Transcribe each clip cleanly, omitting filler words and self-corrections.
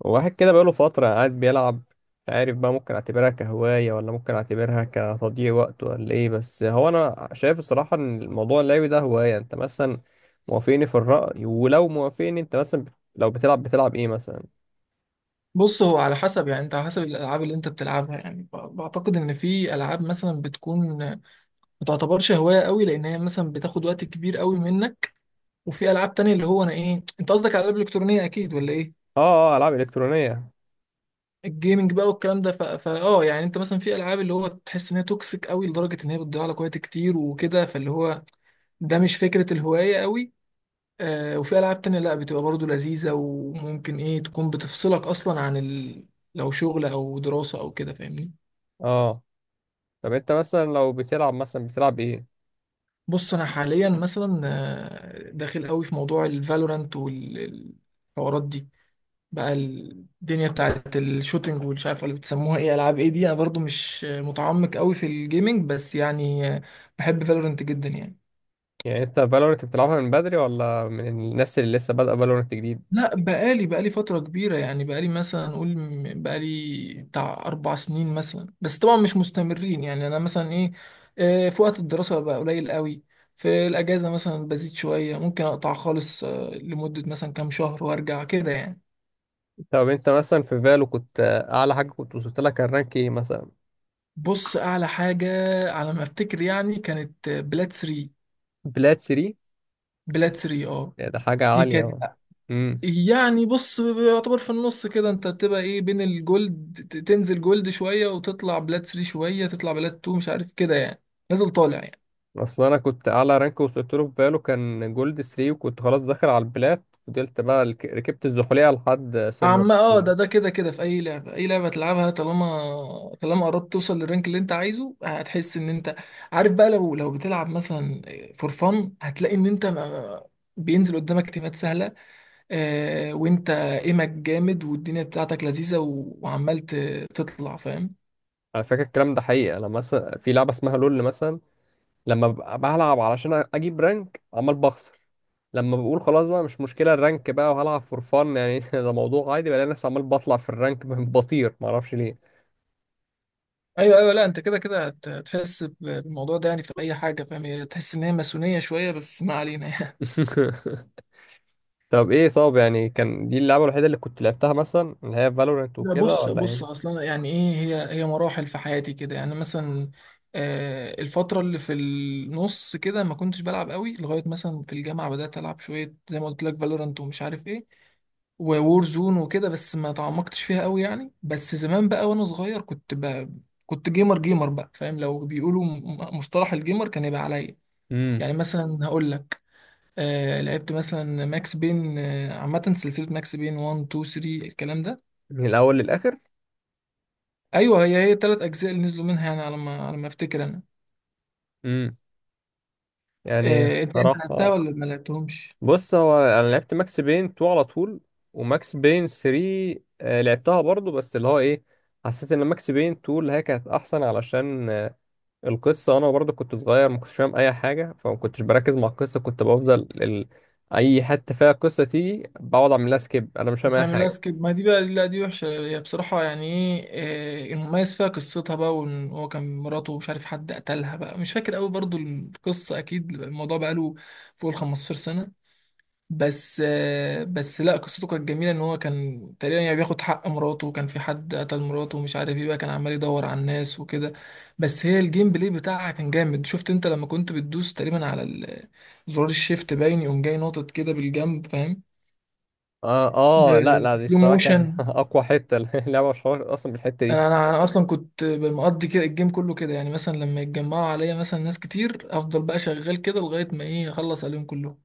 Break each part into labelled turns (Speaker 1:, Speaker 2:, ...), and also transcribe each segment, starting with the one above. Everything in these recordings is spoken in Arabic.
Speaker 1: واحد كده بقاله فترة قاعد بيلعب. مش عارف بقى، ممكن اعتبرها كهواية ولا ممكن اعتبرها كتضييع وقت ولا ايه، بس هو انا شايف الصراحة ان الموضوع اللعبي ده هواية. انت مثلا موافقني في الرأي؟ ولو موافقني، انت مثلا لو بتلعب، بتلعب ايه مثلا؟
Speaker 2: بص، هو على حسب يعني. انت على حسب الالعاب اللي انت بتلعبها، يعني بعتقد ان في العاب مثلا بتكون ما تعتبرش هوايه قوي، لان هي مثلا بتاخد وقت كبير قوي منك. وفي العاب تانية اللي هو انا ايه، انت قصدك على الالعاب الالكترونيه اكيد ولا ايه؟
Speaker 1: اه، العاب الكترونية.
Speaker 2: الجيمنج بقى والكلام ده، يعني انت مثلا في العاب اللي هو تحس ان هي توكسيك قوي لدرجه ان هي بتضيع لك وقت كتير وكده، فاللي هو ده مش فكره الهوايه قوي. وفي العاب تانية لا، بتبقى برضو لذيذه وممكن ايه تكون بتفصلك اصلا عن لو شغل او دراسه او كده، فاهمني.
Speaker 1: اه. طب انت مثلا لو بتلعب مثلا، بتلعب ايه؟
Speaker 2: بص، انا حاليا مثلا داخل قوي في موضوع الفالورانت والحوارات دي بقى، الدنيا بتاعت الشوتينج والمش عارف اللي بتسموها ايه، العاب ايه دي. انا برضو مش متعمق قوي في الجيمنج، بس بحب فالورانت جدا يعني.
Speaker 1: يعني انت فالورنت بتلعبها من بدري ولا من الناس اللي لسه بادئة فالورنت جديد؟
Speaker 2: لا، بقالي فترة كبيرة، يعني بقالي مثلا نقول بقالي بتاع 4 سنين مثلا، بس طبعا مش مستمرين. يعني أنا مثلا إيه، في وقت الدراسة بقى قليل قوي. في الأجازة مثلا بزيد شوية، ممكن أقطع خالص لمدة مثلا كام شهر، وأرجع كده يعني.
Speaker 1: طب انت مثلا في فالو كنت، اعلى حاجة كنت وصلت لها كان رانك ايه مثلا؟
Speaker 2: بص، أعلى حاجة على ما أفتكر يعني كانت بلاد 3.
Speaker 1: بلاد 3؟
Speaker 2: بلاد 3، أه.
Speaker 1: يعني ده حاجة
Speaker 2: دي
Speaker 1: عالية
Speaker 2: كانت
Speaker 1: أوي. امم
Speaker 2: يعني، بص، يعتبر في النص كده، انت بتبقى ايه بين الجولد، تنزل جولد شوية وتطلع بلات 3 شوية، تطلع بلات 2، مش عارف كده يعني. نازل طالع يعني.
Speaker 1: اصل انا كنت اعلى رانك وصلت له في فالو كان جولد 3، وكنت خلاص داخل على البلات، فضلت بقى ركبت الزحلية لحد سيرفر
Speaker 2: عم اه ده
Speaker 1: اتنين.
Speaker 2: ده كده في اي لعبة، اي لعبة تلعبها، طالما قربت توصل للرانك اللي انت عايزه، هتحس ان انت عارف بقى. لو لو بتلعب مثلا فور فن، هتلاقي ان انت بينزل قدامك تيمات سهلة، وانت ايمك جامد، والدنيا بتاعتك لذيذة، وعمال تطلع، فاهم.
Speaker 1: على فكرة الكلام ده حقيقة. انا مثلا في لعبة اسمها لول مثلا، لما ببقى بلعب علشان اجيب رانك عمال بخسر، لما بقول خلاص بقى مش مشكلة الرانك بقى وهلعب فور فان يعني ده موضوع عادي، بلاقي نفسي عمال بطلع في الرانك بطير، معرفش ليه.
Speaker 2: ايوه ايوه، لا انت كده هتحس بالموضوع ده يعني في اي حاجه، فاهم، هي تحس ان هي ماسونيه شويه، بس ما علينا يعني.
Speaker 1: طب ايه، طب يعني كان دي اللعبة الوحيدة اللي كنت لعبتها مثلا اللي هي فالورنت
Speaker 2: لا،
Speaker 1: وكده
Speaker 2: بص
Speaker 1: ولا
Speaker 2: بص اصلا يعني ايه، هي مراحل في حياتي كده يعني. مثلا آه، الفتره اللي في النص كده ما كنتش بلعب قوي، لغايه مثلا في الجامعه بدات العب شويه زي ما قلت لك فالورانت ومش عارف ايه، وور زون وكده، بس ما تعمقتش فيها قوي يعني. بس زمان بقى وانا صغير كنت كنت جيمر بقى، فاهم، لو بيقولوا مصطلح الجيمر كان يبقى عليا.
Speaker 1: ايه؟
Speaker 2: يعني مثلا هقول لك، آه، لعبت مثلا ماكس بين، آه، عامة سلسلة ماكس بين 1 2 3، الكلام ده.
Speaker 1: من الاول للاخر؟
Speaker 2: ايوه، هي الثلاث اجزاء اللي نزلوا منها يعني، على ما على ما افتكر انا.
Speaker 1: امم يعني
Speaker 2: آه، انت لعبتها
Speaker 1: صراحه،
Speaker 2: ولا ما لعبتهمش؟
Speaker 1: بص هو انا لعبت ماكس بين 2 على طول، وماكس بين 3 لعبتها برضو، بس اللي هو ايه، حسيت ان ماكس بين 2 اللي هي كانت احسن، علشان القصه، انا برضو كنت صغير ما كنتش فاهم اي حاجه، فما كنتش بركز مع القصه، كنت بفضل اي حته فيها قصه تيجي بقعد اعمل لها سكيب، انا مش فاهم اي
Speaker 2: بتعملها
Speaker 1: حاجه.
Speaker 2: سكيب؟ ما دي بقى لا، دي وحشة هي بصراحة يعني. ايه المميز فيها قصتها بقى، وان هو كان مراته مش عارف حد قتلها بقى، مش فاكر قوي برضو القصة اكيد، الموضوع بقى له فوق ال 15 سنة. بس بس لا، قصته كانت جميله. ان هو كان تقريبا يعني بياخد حق مراته، وكان في حد قتل مراته ومش عارف ايه بقى، كان عمال يدور على الناس وكده. بس هي الجيم بلاي بتاعها كان جامد. شفت انت لما كنت بتدوس تقريبا على زرار الشيفت، باين يقوم جاي ناطط كده بالجنب، فاهم،
Speaker 1: اه. اه، لا لا، دي
Speaker 2: بسلو
Speaker 1: الصراحه
Speaker 2: موشن.
Speaker 1: كانت اقوى حته، اللعبه مشهوره اصلا بالحته دي.
Speaker 2: انا انا أنا اصلا كنت مقضي كده الجيم كله كده، يعني مثلا لما يتجمعوا عليا مثلا ناس كتير، افضل بقى شغال كده لغايه ما ايه اخلص عليهم كلهم.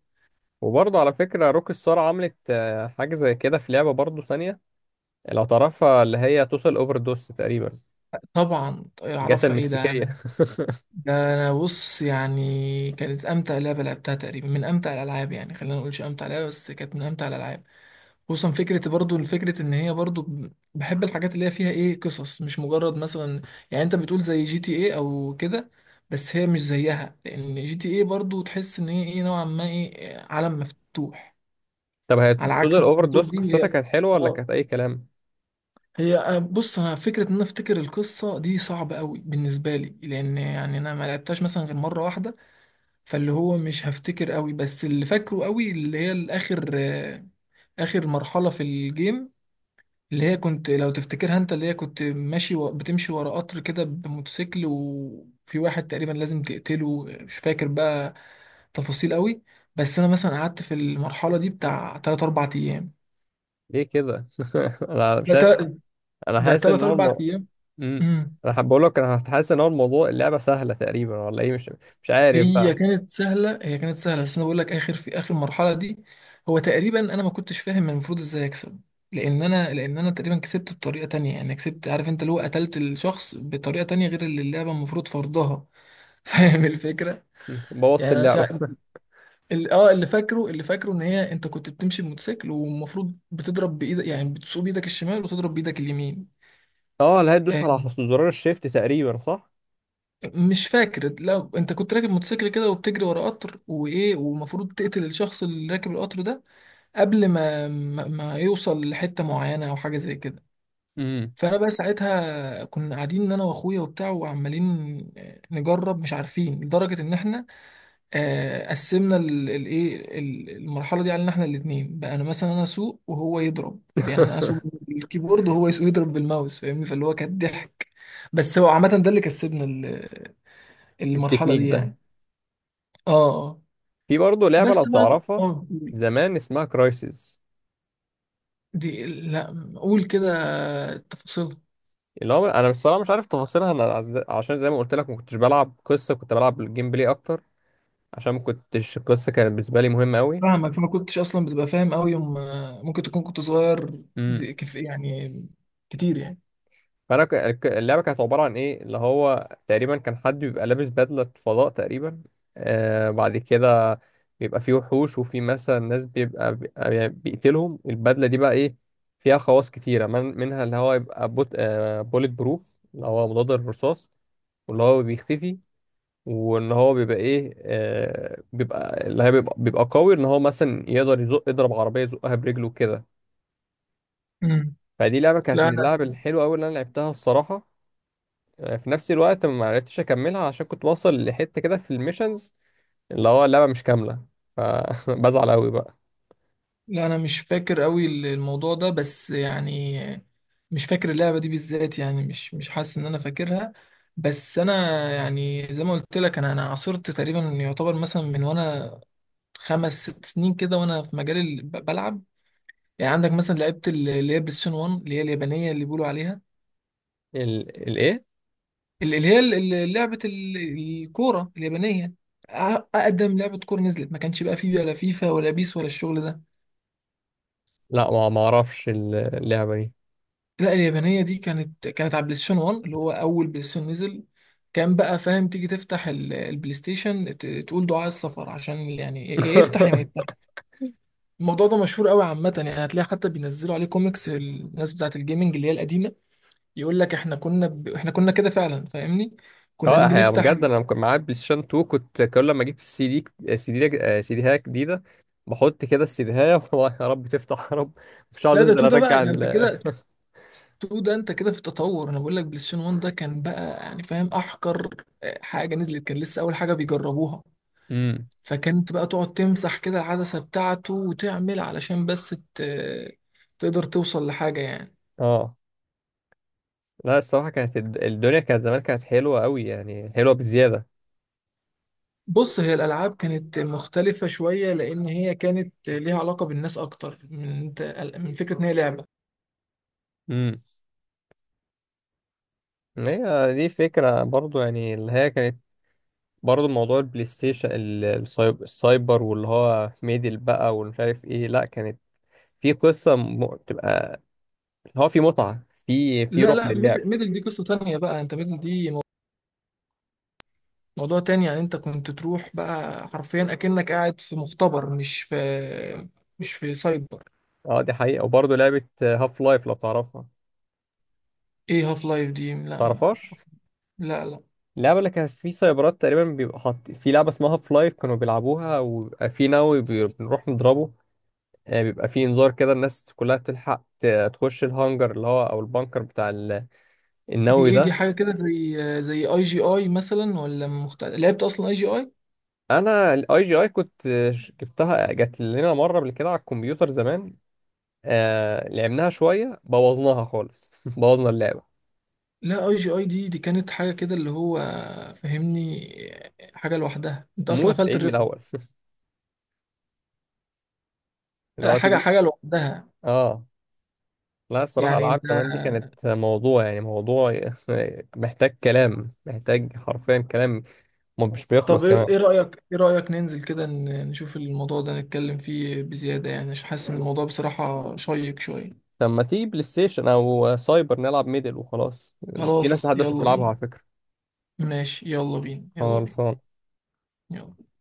Speaker 1: وبرضه على فكرة روك ستار عملت حاجة زي كده في لعبة برضه ثانية لو تعرفها، اللي هي توتال اوفر دوس تقريبا،
Speaker 2: طبعا
Speaker 1: جاتا
Speaker 2: اعرفها، ايه ده!
Speaker 1: المكسيكية.
Speaker 2: ده انا، بص يعني، كانت امتع لعبه لعبتها تقريبا، من امتع الالعاب. يعني خلينا ما نقولش امتع لعبه، بس كانت من امتع الالعاب. خصوصا فكره، برضو فكره ان هي برضو بحب الحاجات اللي هي فيها ايه، قصص، مش مجرد مثلا، يعني انت بتقول زي جي تي ايه او كده، بس هي مش زيها. لان جي تي ايه برضو تحس ان هي ايه نوعا ما ايه، عالم مفتوح،
Speaker 1: طب هي
Speaker 2: على
Speaker 1: توتال
Speaker 2: عكس
Speaker 1: اوفر
Speaker 2: مثلا توت
Speaker 1: دوس
Speaker 2: دي.
Speaker 1: قصتها
Speaker 2: هي
Speaker 1: كانت حلوة ولا
Speaker 2: اه،
Speaker 1: كانت أي كلام؟
Speaker 2: هي بص، انا فكره ان انا افتكر القصه دي صعبه قوي بالنسبه لي، لان يعني انا ما لعبتهاش مثلا غير مره واحده. فاللي هو مش هفتكر قوي، بس اللي فاكره قوي اللي هي الاخر، اخر مرحلة في الجيم، اللي هي كنت، لو تفتكرها انت، اللي هي كنت ماشي بتمشي ورا قطر كده بموتوسيكل، وفي واحد تقريبا لازم تقتله. مش فاكر بقى تفاصيل قوي. بس انا مثلا قعدت في المرحلة دي بتاع 3 4 ايام.
Speaker 1: ليه كده؟ أنا مش
Speaker 2: ده
Speaker 1: عارف.
Speaker 2: تا-
Speaker 1: أنا
Speaker 2: ده
Speaker 1: حاسس إن
Speaker 2: 3
Speaker 1: هو
Speaker 2: 4
Speaker 1: الموضوع.
Speaker 2: ايام.
Speaker 1: مم.
Speaker 2: امم.
Speaker 1: أنا حابب أقول لك أنا حاسس إن هو الموضوع اللعبة سهلة تقريبا ولا إيه؟ مش مش عارف
Speaker 2: هي
Speaker 1: بقى.
Speaker 2: كانت سهله، هي كانت سهله بس انا بقول لك اخر، في اخر المرحله دي، هو تقريبا انا ما كنتش فاهم أنا المفروض ازاي اكسب، لان انا، لان انا تقريبا كسبت بطريقه تانية، يعني كسبت، عارف انت، اللي هو قتلت الشخص بطريقه تانية غير اللي اللعبه المفروض فرضها. فاهم الفكره.
Speaker 1: مم. بوظت
Speaker 2: يعني انا
Speaker 1: اللعبة.
Speaker 2: اللي فاكره، اللي فاكره ان هي انت كنت بتمشي بموتوسيكل، والمفروض بتضرب بايدك، يعني بتسوق بايدك الشمال وتضرب بايدك اليمين.
Speaker 1: أه، اللي هي تدوس
Speaker 2: آه،
Speaker 1: على زرار الشيفت تقريبا صح؟
Speaker 2: مش فاكر. لا، انت كنت راكب موتوسيكل كده وبتجري ورا قطر وايه، ومفروض تقتل الشخص اللي راكب القطر ده قبل ما يوصل لحتة معينة أو حاجة زي كده.
Speaker 1: مم.
Speaker 2: فأنا بقى ساعتها كنا قاعدين أنا وأخويا وبتاع، وعمالين نجرب مش عارفين لدرجة إن إحنا، قسمنا المرحلة دي علينا إحنا الاتنين بقى. أنا مثلا، أنا أسوق وهو يضرب، يعني أنا أسوق بالكيبورد وهو يضرب بالماوس، فاهمني، فاللي هو كان ضحك. بس هو عامة ده اللي كسبنا المرحلة
Speaker 1: التكنيك
Speaker 2: دي يعني.
Speaker 1: ده.
Speaker 2: آه. آه.
Speaker 1: في برضه لعبة لو
Speaker 2: بس بقى
Speaker 1: تعرفها
Speaker 2: آه،
Speaker 1: زمان، اسمها كرايسيس.
Speaker 2: دي لا. قول كده تفاصيل.
Speaker 1: اللي هو انا بصراحه مش عارف تفاصيلها، انا عشان زي ما قلت لك ما كنتش بلعب قصه، كنت بلعب الجيم بلاي اكتر، عشان ما كنتش القصه كانت بالنسبه لي مهمه قوي.
Speaker 2: فاهمك. فما كنتش اصلا بتبقى فاهم قوي يوم، ممكن تكون كنت صغير
Speaker 1: امم.
Speaker 2: زي كف يعني، كتير يعني.
Speaker 1: فانا اللعبه كانت عباره عن ايه اللي هو تقريبا كان حد بيبقى لابس بدله فضاء تقريبا. آه، بعد كده بيبقى فيه وحوش، وفي مثلا ناس بيبقى بيقتلهم البدله دي بقى، ايه، فيها خواص كتيره، من منها اللي هو يبقى بوت، آه، بوليت بروف، اللي هو مضاد الرصاص، واللي هو بيختفي، وان هو بيبقى ايه، آه، بيبقى اللي هي بيبقى قوي، ان هو مثلا يقدر يزق يضرب عربيه يزقها برجله كده.
Speaker 2: امم.
Speaker 1: فدي لعبه كانت
Speaker 2: لا
Speaker 1: من
Speaker 2: انا،
Speaker 1: اللعب الحلوه قوي اللي انا لعبتها الصراحه. آه، في نفس الوقت ما عرفتش اكملها عشان كنت واصل لحته كده في الميشنز اللي هو اللعبه مش كامله، فبزعل قوي بقى.
Speaker 2: لا انا مش فاكر قوي الموضوع ده، بس يعني مش فاكر اللعبه دي بالذات يعني، مش مش حاسس ان انا فاكرها. بس انا يعني زي ما قلت لك، انا عاصرت تقريبا، يعتبر مثلا من وانا خمس ست سنين كده، وانا في مجال بلعب يعني. عندك مثلا، لعبت اللي هي بلاي ستيشن 1، اللي هي اليابانيه اللي بيقولوا عليها
Speaker 1: ال... الايه
Speaker 2: ال- اللي هي ال- ال- لعبة الكورة اليابانية. أ- أقدم لعبة كورة نزلت، ما كانش بقى فيه ولا فيفا ولا بيس ولا الشغل ده.
Speaker 1: لا ما اعرفش اللعبه دي.
Speaker 2: لا، اليابانية دي كانت على بلاي ستيشن 1، اللي هو أول بلاي ستيشن نزل. كان بقى فاهم، تيجي تفتح البلاي ستيشن، تقول دعاء السفر عشان يعني، يا يفتح يا ما يفتح. الموضوع ده مشهور قوي عامة، يعني هتلاقي حتى بينزلوا عليه كوميكس الناس بتاعة الجيمنج اللي هي القديمة، يقول لك احنا كنا احنا كنا كده فعلا، فاهمني، كنا
Speaker 1: اه،
Speaker 2: نيجي
Speaker 1: هي
Speaker 2: نفتح
Speaker 1: بجد انا كنت معايا بلاي ستيشن 2، كنت كل لما اجيب السي دي سي دي، آه، سي ديها جديده، بحط كده السي ديها يا رب تفتح، يا رب مش عاوز
Speaker 2: لا، ده
Speaker 1: انزل
Speaker 2: تو. ده بقى،
Speaker 1: ارجع
Speaker 2: ده انت
Speaker 1: ال.
Speaker 2: كده 2، ده انت كده في التطور. انا بقول لك بلاي ستيشن 1 ده كان بقى يعني فاهم احقر حاجه نزلت، كان لسه اول حاجه بيجربوها.
Speaker 1: امم.
Speaker 2: فكنت بقى تقعد تمسح كده العدسه بتاعته وتعمل علشان بس تقدر توصل لحاجه يعني.
Speaker 1: اه، لا الصراحه كانت الدنيا كانت زمان كانت حلوه قوي، يعني حلوه بزياده.
Speaker 2: بص، هي الالعاب كانت مختلفه شويه، لان هي كانت ليها علاقه بالناس اكتر من انت، من فكره ان هي لعبه.
Speaker 1: امم. هي دي فكره برضو، يعني اللي هي كانت برضو موضوع البلاي ستيشن السايبر، واللي هو ميدل بقى والمش عارف ايه، لا كانت في قصه تبقى اللي هو في متعه، في في
Speaker 2: لا
Speaker 1: روح
Speaker 2: لا،
Speaker 1: للعب.
Speaker 2: ميدل دي قصه تانية بقى. انت ميدل دي موضوع تاني يعني، انت كنت تروح بقى حرفيا اكنك قاعد في مختبر، مش في، مش في سايبر.
Speaker 1: اه، دي حقيقة. وبرضه لعبة هاف لايف لو تعرفها.
Speaker 2: ايه هاف لايف دي؟ لا ما
Speaker 1: تعرفهاش؟
Speaker 2: اعرف. لا لا.
Speaker 1: اللعبة اللي كانت في سايبرات تقريبا بيبقى حاط في لعبة اسمها هاف لايف كانوا بيلعبوها، وبيبقى في نووي بنروح نضربه، آه، بيبقى في انذار كده الناس كلها بتلحق تخش الهانجر اللي هو او البانكر بتاع
Speaker 2: دي
Speaker 1: النووي
Speaker 2: ايه، دي
Speaker 1: ده.
Speaker 2: حاجه كده زي زي اي جي اي مثلا، ولا لعبت اصلا اي جي اي؟
Speaker 1: انا الاي جي اي كنت، آه، جبتها، جات لنا مرة قبل كده على الكمبيوتر زمان، آه لعبناها شوية، بوظناها خالص. بوظنا اللعبة.
Speaker 2: لا، اي جي اي دي، دي كانت حاجه كده اللي هو، فهمني، حاجه لوحدها. انت اصلا
Speaker 1: موت
Speaker 2: قفلت
Speaker 1: عيد من
Speaker 2: الريكورد.
Speaker 1: الاول. اللي
Speaker 2: لا،
Speaker 1: هو
Speaker 2: حاجه،
Speaker 1: تيجي.
Speaker 2: لوحدها.
Speaker 1: اه. لا الصراحة
Speaker 2: يعني
Speaker 1: ألعاب
Speaker 2: انت،
Speaker 1: زمان دي كانت موضوع، يعني موضوع محتاج كلام، محتاج حرفيا كلام ما مش
Speaker 2: طب
Speaker 1: بيخلص
Speaker 2: ايه،
Speaker 1: كمان.
Speaker 2: إيه رايك، ايه رايك ننزل كده نشوف الموضوع ده، نتكلم فيه بزياده يعني، عشان حاسس ان الموضوع بصراحه شيق شويه.
Speaker 1: لما تيجي بلاي ستيشن أو سايبر نلعب ميدل وخلاص. في ناس
Speaker 2: خلاص،
Speaker 1: لحد دلوقتي
Speaker 2: يلا
Speaker 1: بتلعبها
Speaker 2: بينا.
Speaker 1: على فكرة.
Speaker 2: ماشي، يلا بينا، يلا بينا.
Speaker 1: خالص.
Speaker 2: يلا.